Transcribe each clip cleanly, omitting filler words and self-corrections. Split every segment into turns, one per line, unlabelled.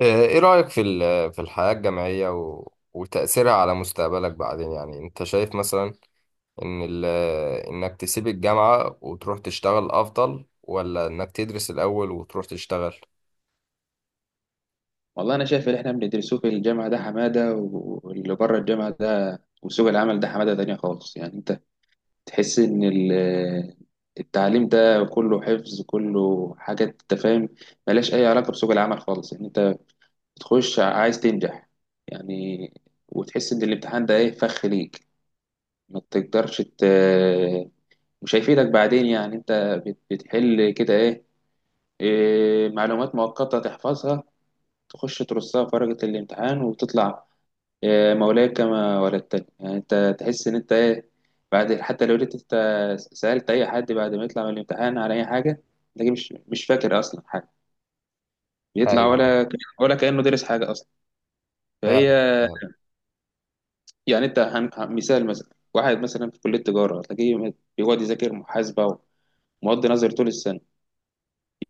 ايه رأيك في الحياة الجامعية و- وتأثيرها على مستقبلك بعدين؟ يعني انت شايف مثلا ان انك تسيب الجامعة وتروح تشتغل افضل، ولا انك تدرس الاول وتروح تشتغل؟
والله انا شايف اللي احنا بندرسوه في الجامعه ده حماده و- واللي بره الجامعه ده وسوق العمل ده حماده تانية خالص، يعني انت تحس ان التعليم ده كله حفظ، كله حاجات انت فاهم ملهاش اي علاقه بسوق العمل خالص. يعني انت بتخش عايز تنجح يعني، وتحس ان الامتحان ده ايه فخ ليك، ما تقدرش مش هيفيدك بعدين. يعني انت بتحل كده ايه؟ إيه، معلومات مؤقته تحفظها، تخش ترصها في ورقه الامتحان وتطلع يا مولاي كما ولدتني. يعني انت تحس ان انت ايه؟ بعد حتى لو جيت انت سألت اي حد بعد ما يطلع من الامتحان على اي حاجه، تلاقيه مش فاكر اصلا حاجه. بيطلع
ايوه.
ولا كأنه درس حاجه اصلا. فهي
فعلا. فعلا.
يعني انت مثال مثلا واحد مثلا في كليه تجاره تلاقيه بيقعد يذاكر محاسبه ومواد نظري طول السنه،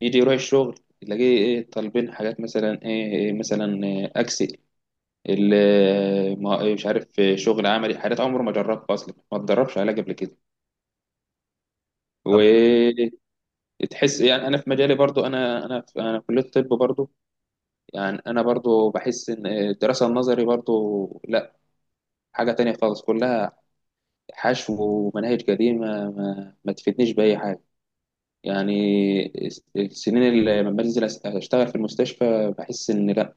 يجي يروح الشغل تلاقيه ايه طالبين حاجات مثلا، ايه مثلا ايه اكسل، مش عارف، شغل عملي، حاجات عمره ما جربها اصلا، ما اتدربش عليها قبل كده
طب،
وتحس. يعني انا في مجالي برضو، انا في كليه الطب برضو. يعني انا برضو بحس ان الدراسه النظري برضو لا، حاجه تانية خالص، كلها حشو ومناهج قديمه، ما تفيدنيش باي حاجه. يعني السنين اللي لما بنزل اشتغل في المستشفى بحس ان لا،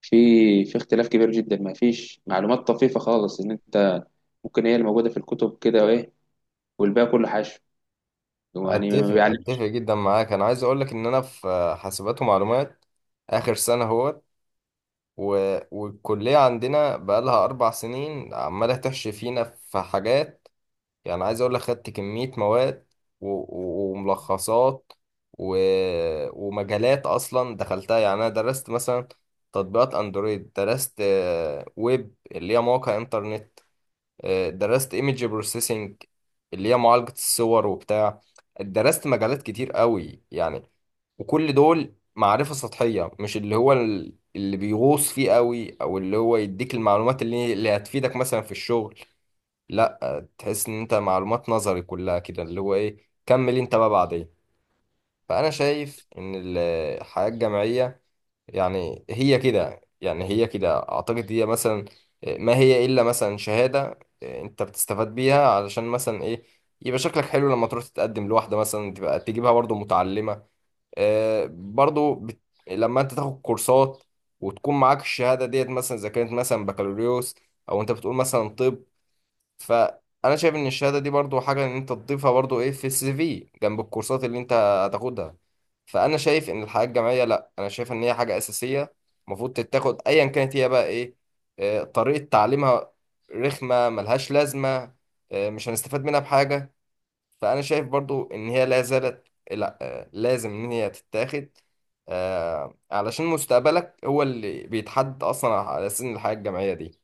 في في اختلاف كبير جدا، ما فيش معلومات طفيفه خالص ان انت ممكن هي اللي موجوده في الكتب كده وايه، والباقي كله حشو، يعني ما
اتفق،
بيعلموش.
اتفق جدا معاك. انا عايز اقولك ان انا في حاسبات ومعلومات، اخر سنة اهوت، و- والكلية عندنا بقالها اربع سنين عمالة تحشي فينا في حاجات. يعني عايز اقول لك، خدت كمية مواد و- و- وملخصات و... ومجالات اصلا دخلتها. يعني انا درست مثلا تطبيقات اندرويد، درست ويب اللي هي مواقع انترنت، درست ايمج بروسيسنج اللي هي معالجة الصور وبتاع. درست مجالات كتير قوي يعني، وكل دول معرفة سطحية، مش اللي هو اللي بيغوص فيه قوي، او اللي هو يديك المعلومات اللي هتفيدك مثلا في الشغل. لا، تحس ان انت معلومات نظري كلها كده، اللي هو ايه، كمل انت بقى بعدين. فانا شايف ان الحياة الجامعية يعني هي كده، يعني هي كده اعتقد، هي مثلا ما هي الا مثلا شهادة، انت بتستفاد بيها علشان مثلا ايه، يبقى شكلك حلو لما تروح تتقدم لواحدة مثلا، تبقى تجيبها برضو متعلمة. آه، برضو بت... لما انت تاخد كورسات وتكون معاك الشهادة ديت، مثلا اذا كانت مثلا بكالوريوس، او انت بتقول مثلا طب، فانا شايف ان الشهاده دي برضو حاجه ان انت تضيفها برضو ايه في السي في، جنب الكورسات اللي انت هتاخدها. فانا شايف ان الحياه الجامعيه، لا انا شايف ان هي حاجه اساسيه المفروض تتاخد. ايا كانت هي بقى ايه، طريقه تعليمها رخمه ملهاش لازمه، مش هنستفاد منها بحاجه، فانا شايف برضو ان هي لا زالت آه، لا آه، لازم ان هي تتاخد، علشان مستقبلك هو اللي بيتحدد اصلا على سن الحياه الجامعيه دي.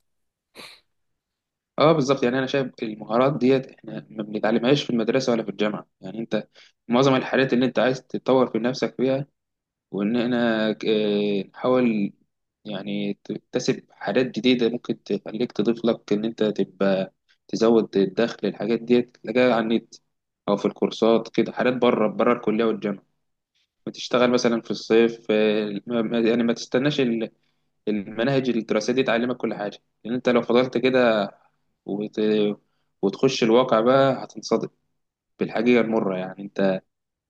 اه بالظبط، يعني انا شايف المهارات ديت احنا ما بنتعلمهاش في المدرسه ولا في الجامعه. يعني انت معظم الحاجات اللي انت عايز تتطور في نفسك فيها، وان احنا نحاول يعني تكتسب حاجات جديده ممكن تخليك تضيف لك ان انت تبقى تزود الدخل. الحاجات ديت تلاقيها على النت او في الكورسات كده، حاجات بره بره الكليه والجامعه، وتشتغل مثلا في الصيف، يعني ما تستناش المناهج الدراسية دي تعلمك كل حاجة. لأن أنت لو فضلت كده وت... وتخش الواقع بقى هتنصدم بالحقيقة المرة. يعني أنت،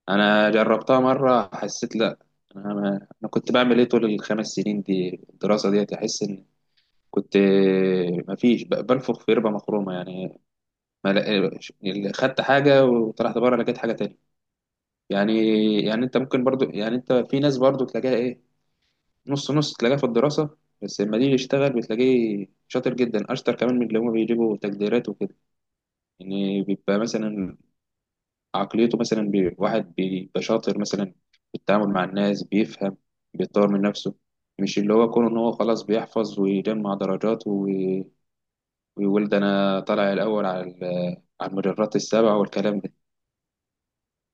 أنا جربتها مرة حسيت لأ، أنا, ما... أنا كنت بعمل إيه طول الخمس سنين دي الدراسة دي؟ أحس إن كنت مفيش، بنفخ في ربة مخرومة يعني، ما لا... خدت حاجة وطلعت بره لقيت حاجة تانية يعني. يعني أنت ممكن برضو، يعني أنت في ناس برضو تلاقيها إيه، نص نص، تلاقيه في الدراسة بس لما يجي يشتغل بتلاقيه شاطر جدا، أشطر كمان من اللي هما بيجيبوا تقديرات وكده. يعني بيبقى مثلا عقليته مثلا، واحد بيبقى شاطر مثلا في التعامل مع الناس، بيفهم، بيطور من نفسه، مش اللي هو كونه إن هو خلاص بيحفظ ويجمع درجات و- ويقول ده أنا طالع الأول على المدرات السبعة والكلام ده.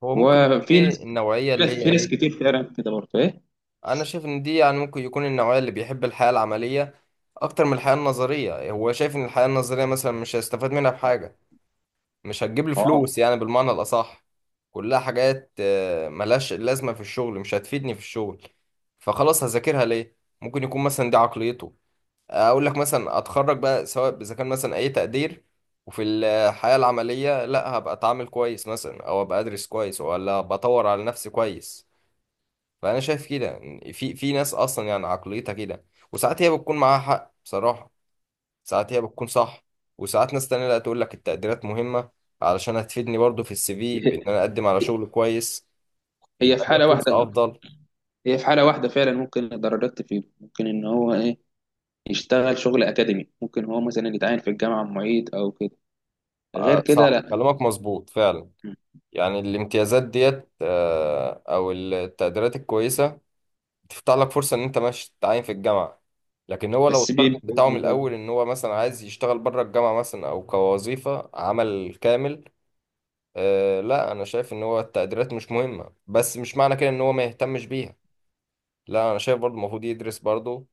هو ممكن يكون
وفي
دي
ناس
النوعيه
في
اللي
ناس
هي
في ناس
ايه،
كتير فعلا كده برضه إيه؟
انا شايف ان دي يعني ممكن يكون النوعيه اللي بيحب الحياه العمليه اكتر من الحياه النظريه. هو شايف ان الحياه النظريه مثلا مش هيستفاد منها بحاجه، مش هتجيب له
آه.
فلوس يعني بالمعنى الاصح، كلها حاجات ملهاش لازمه في الشغل، مش هتفيدني في الشغل، فخلاص هذاكرها ليه؟ ممكن يكون مثلا دي عقليته. اقول لك مثلا، اتخرج بقى سواء اذا كان مثلا اي تقدير، وفي الحياه العمليه لا، هبقى اتعامل كويس مثلا، او ابقى ادرس كويس، ولا بطور على نفسي كويس. فانا شايف كده يعني، في ناس اصلا يعني عقليتها كده، وساعات هي بتكون معاها حق بصراحه، ساعات هي بتكون صح. وساعات ناس تانية لا، تقول لك التقديرات مهمه علشان هتفيدني برضو في السي في، بان انا اقدم على شغل كويس،
هي
يبقى
في
ليا
حالة واحدة
فرصه افضل.
هي في حالة واحدة فعلا ممكن الدرجات تفيده، ممكن إن هو إيه يشتغل شغل أكاديمي، ممكن هو مثلا يتعين في الجامعة معيد أو كده. غير
آه
كده
صح،
لا.
كلامك مظبوط فعلا.
مم.
يعني الامتيازات ديت او التقديرات الكويسه بتفتح لك فرصه ان انت ماشي تتعين في الجامعه، لكن هو لو
بس
التارجت بتاعه من
بيبقوا.
الاول ان هو مثلا عايز يشتغل بره الجامعه مثلا، او كوظيفه عمل كامل. أه لا، انا شايف ان هو التقديرات مش مهمه، بس مش معنى كده ان هو ما يهتمش بيها. لا انا شايف برضه المفروض يدرس برضه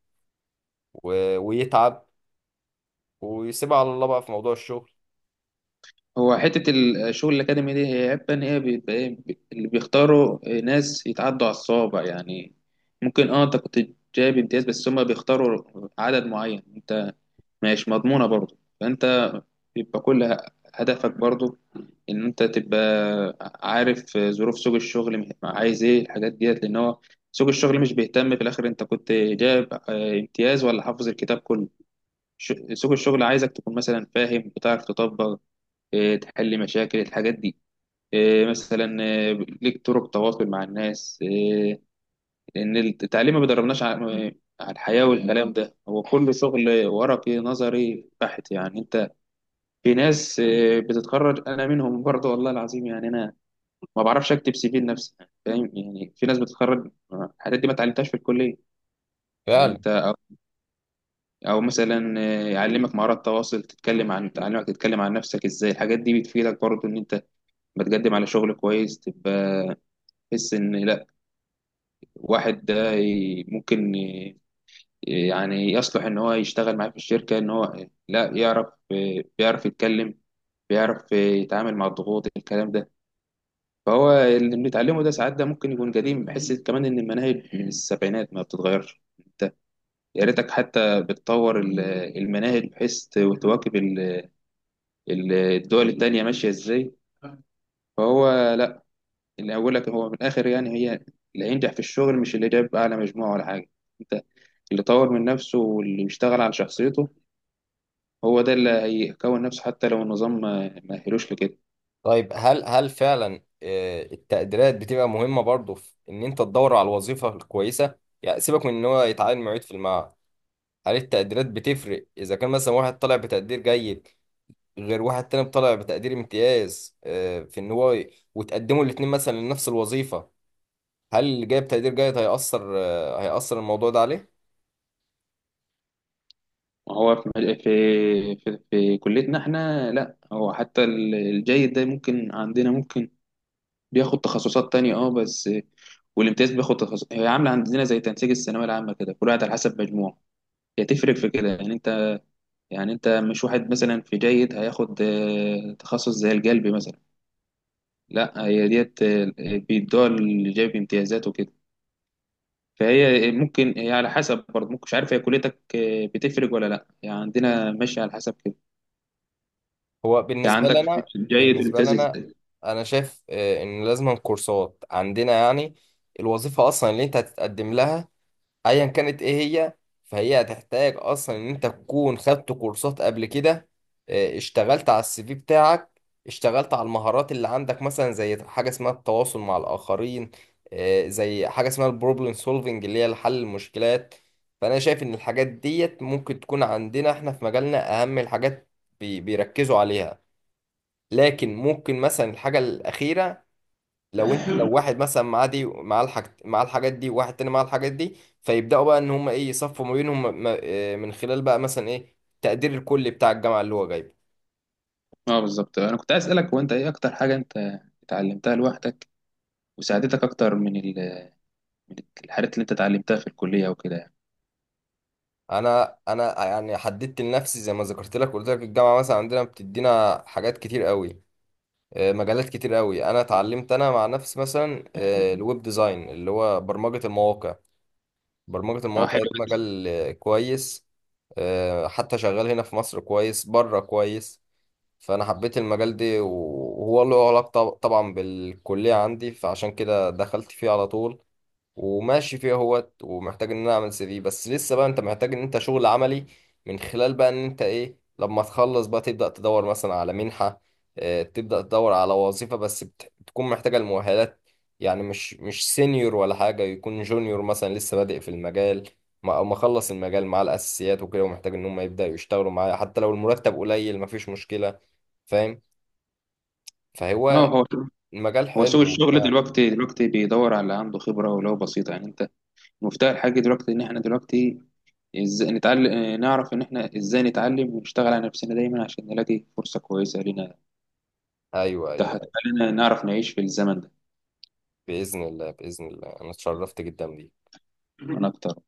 ويتعب، ويسيبها على الله بقى في موضوع الشغل.
هو حتة الشغل الأكاديمي دي هي عيبها إن هي بيبقى إيه، اللي بيختاروا ناس يتعدوا على الصوابع يعني. ممكن أنت كنت جايب امتياز بس هما بيختاروا عدد معين، أنت مش مضمونة برضه. فأنت بيبقى كل هدفك برضو ان انت تبقى عارف ظروف سوق الشغل، عايز ايه الحاجات ديت، لان هو سوق الشغل مش بيهتم في الاخر انت كنت جايب امتياز ولا حافظ الكتاب كله. سوق الشغل عايزك تكون مثلا فاهم، بتعرف تطبق، تحل مشاكل الحاجات دي، مثلا، ليك طرق تواصل مع الناس، لان التعليم ما بيدربناش على الحياة والكلام ده، هو كل شغل ورقي نظري بحت يعني. في ناس بتتخرج انا منهم برضه والله العظيم، يعني انا ما بعرفش اكتب سي في لنفسي يعني فاهم، يعني في ناس بتتخرج الحاجات دي ما اتعلمتهاش في الكليه، يعني
فعلا.
انت أو مثلا يعلمك مهارات تواصل، تتكلم عن تعلمك، تتكلم عن نفسك ازاي. الحاجات دي بتفيدك برضه ان انت بتقدم على شغل كويس، تبقى تحس ان لا، واحد ده ممكن يعني يصلح ان هو يشتغل معاه في الشركه، ان هو لا يعرف بيعرف يتكلم، بيعرف يتعامل مع الضغوط الكلام ده. فهو اللي بنتعلمه ده ساعات ده ممكن يكون قديم، بحس كمان ان المناهج من السبعينات ما بتتغيرش. انت يا ريتك حتى بتطور المناهج بحيث تواكب الدول التانية ماشية ازاي. فهو لا، اللي اقول لك هو من الاخر يعني، هي اللي هينجح في الشغل مش اللي جاب اعلى مجموعة ولا حاجة. انت اللي طور من نفسه واللي بيشتغل على شخصيته، هو ده اللي هيكون نفسه حتى لو النظام ما أهلوش لكده.
طيب، هل فعلا التقديرات بتبقى مهمة برضه في ان انت تدور على الوظيفة الكويسة؟ يعني سيبك من ان هو يتعين معيد في المعهد، هل التقديرات بتفرق اذا كان مثلا واحد طالع بتقدير جيد غير واحد تاني طالع بتقدير امتياز، في ان هو وتقدموا الاتنين مثلا لنفس الوظيفة؟ هل جايب تقدير جيد هيأثر، هيأثر الموضوع ده عليه؟
هو في كليتنا احنا لا، هو حتى الجيد ده ممكن عندنا ممكن بياخد تخصصات تانية اه بس، والامتياز بياخد تخصص. هي عاملة عندنا زي تنسيق الثانوية العامة كده، كل واحد على حسب مجموعه، هي تفرق في كده. يعني انت مش واحد مثلا في جيد هياخد تخصص زي القلب مثلا، لا. هي ديت بيدوها اللي جايب امتيازات وكده. فهي ممكن هي على حسب برضه، ممكن مش عارف هي كليتك بتفرق ولا لا؟ يعني عندنا ماشي على حسب كده.
هو
يعني
بالنسبة لي
عندك في
أنا،
في بداية
بالنسبة لي
الامتياز
أنا،
التاني.
أنا شايف إن لازم كورسات عندنا يعني. الوظيفة أصلا اللي أنت هتتقدم لها، ايا كانت ايه هي، فهي هتحتاج اصلا ان انت تكون خدت كورسات قبل كده، اشتغلت على السي في بتاعك، اشتغلت على المهارات اللي عندك، مثلا زي حاجه اسمها التواصل مع الاخرين، زي حاجه اسمها البروبلم سولفنج اللي هي حل المشكلات. فانا شايف ان الحاجات ديت ممكن تكون عندنا احنا في مجالنا اهم الحاجات بيركزوا عليها. لكن ممكن مثلا الحاجه الاخيره، لو انت لو واحد مثلا معاه دي معاه معاه الحاجات دي، وواحد تاني معاه الحاجات دي، فيبداوا بقى ان هم ايه يصفوا ما بينهم من خلال بقى مثلا ايه التقدير الكلي بتاع الجامعه اللي هو جايبه.
اه بالظبط، انا كنت عايز اسالك هو انت ايه اكتر حاجه انت اتعلمتها لوحدك وساعدتك اكتر من من الحاجات اللي انت اتعلمتها في الكليه وكده يعني.
انا يعني حددت لنفسي، زي ما ذكرت لك، قلت لك الجامعه مثلا عندنا بتدينا حاجات كتير قوي، مجالات كتير قوي. انا اتعلمت انا مع نفسي مثلا الويب ديزاين اللي هو برمجه المواقع. برمجه
اه
المواقع
حلو.
ده مجال كويس، حتى شغال هنا في مصر كويس، بره كويس. فانا حبيت المجال ده، وهو له علاقه طبعا بالكليه عندي، فعشان كده دخلت فيه على طول، وماشي فيه اهوت. ومحتاج ان انا اعمل سي في، بس لسه بقى انت محتاج ان انت شغل عملي من خلال بقى ان انت ايه، لما تخلص بقى تبدا تدور مثلا على منحه، تبدا تدور على وظيفه، بس بتكون محتاجه المؤهلات. يعني مش سينيور ولا حاجه، يكون جونيور مثلا لسه بادئ في المجال، او مخلص المجال مع الاساسيات وكده، ومحتاج ان هم يبداوا يشتغلوا معايا حتى لو المرتب قليل، مفيش مشكله. فاهم. فهو
اه، هو
المجال
هو
حلو
سوق الشغل
وبتاع.
دلوقتي بيدور على اللي عنده خبره ولو بسيطه. يعني انت مفتاح الحاجه دلوقتي ان احنا دلوقتي ازاي نتعلم، نعرف ان احنا ازاي نتعلم ونشتغل على نفسنا دايما عشان نلاقي فرصه كويسه لنا،
ايوه، ايوه.
تخلينا نعرف نعيش في الزمن ده
باذن الله، باذن الله. انا اتشرفت جدا بيك.
من اكتر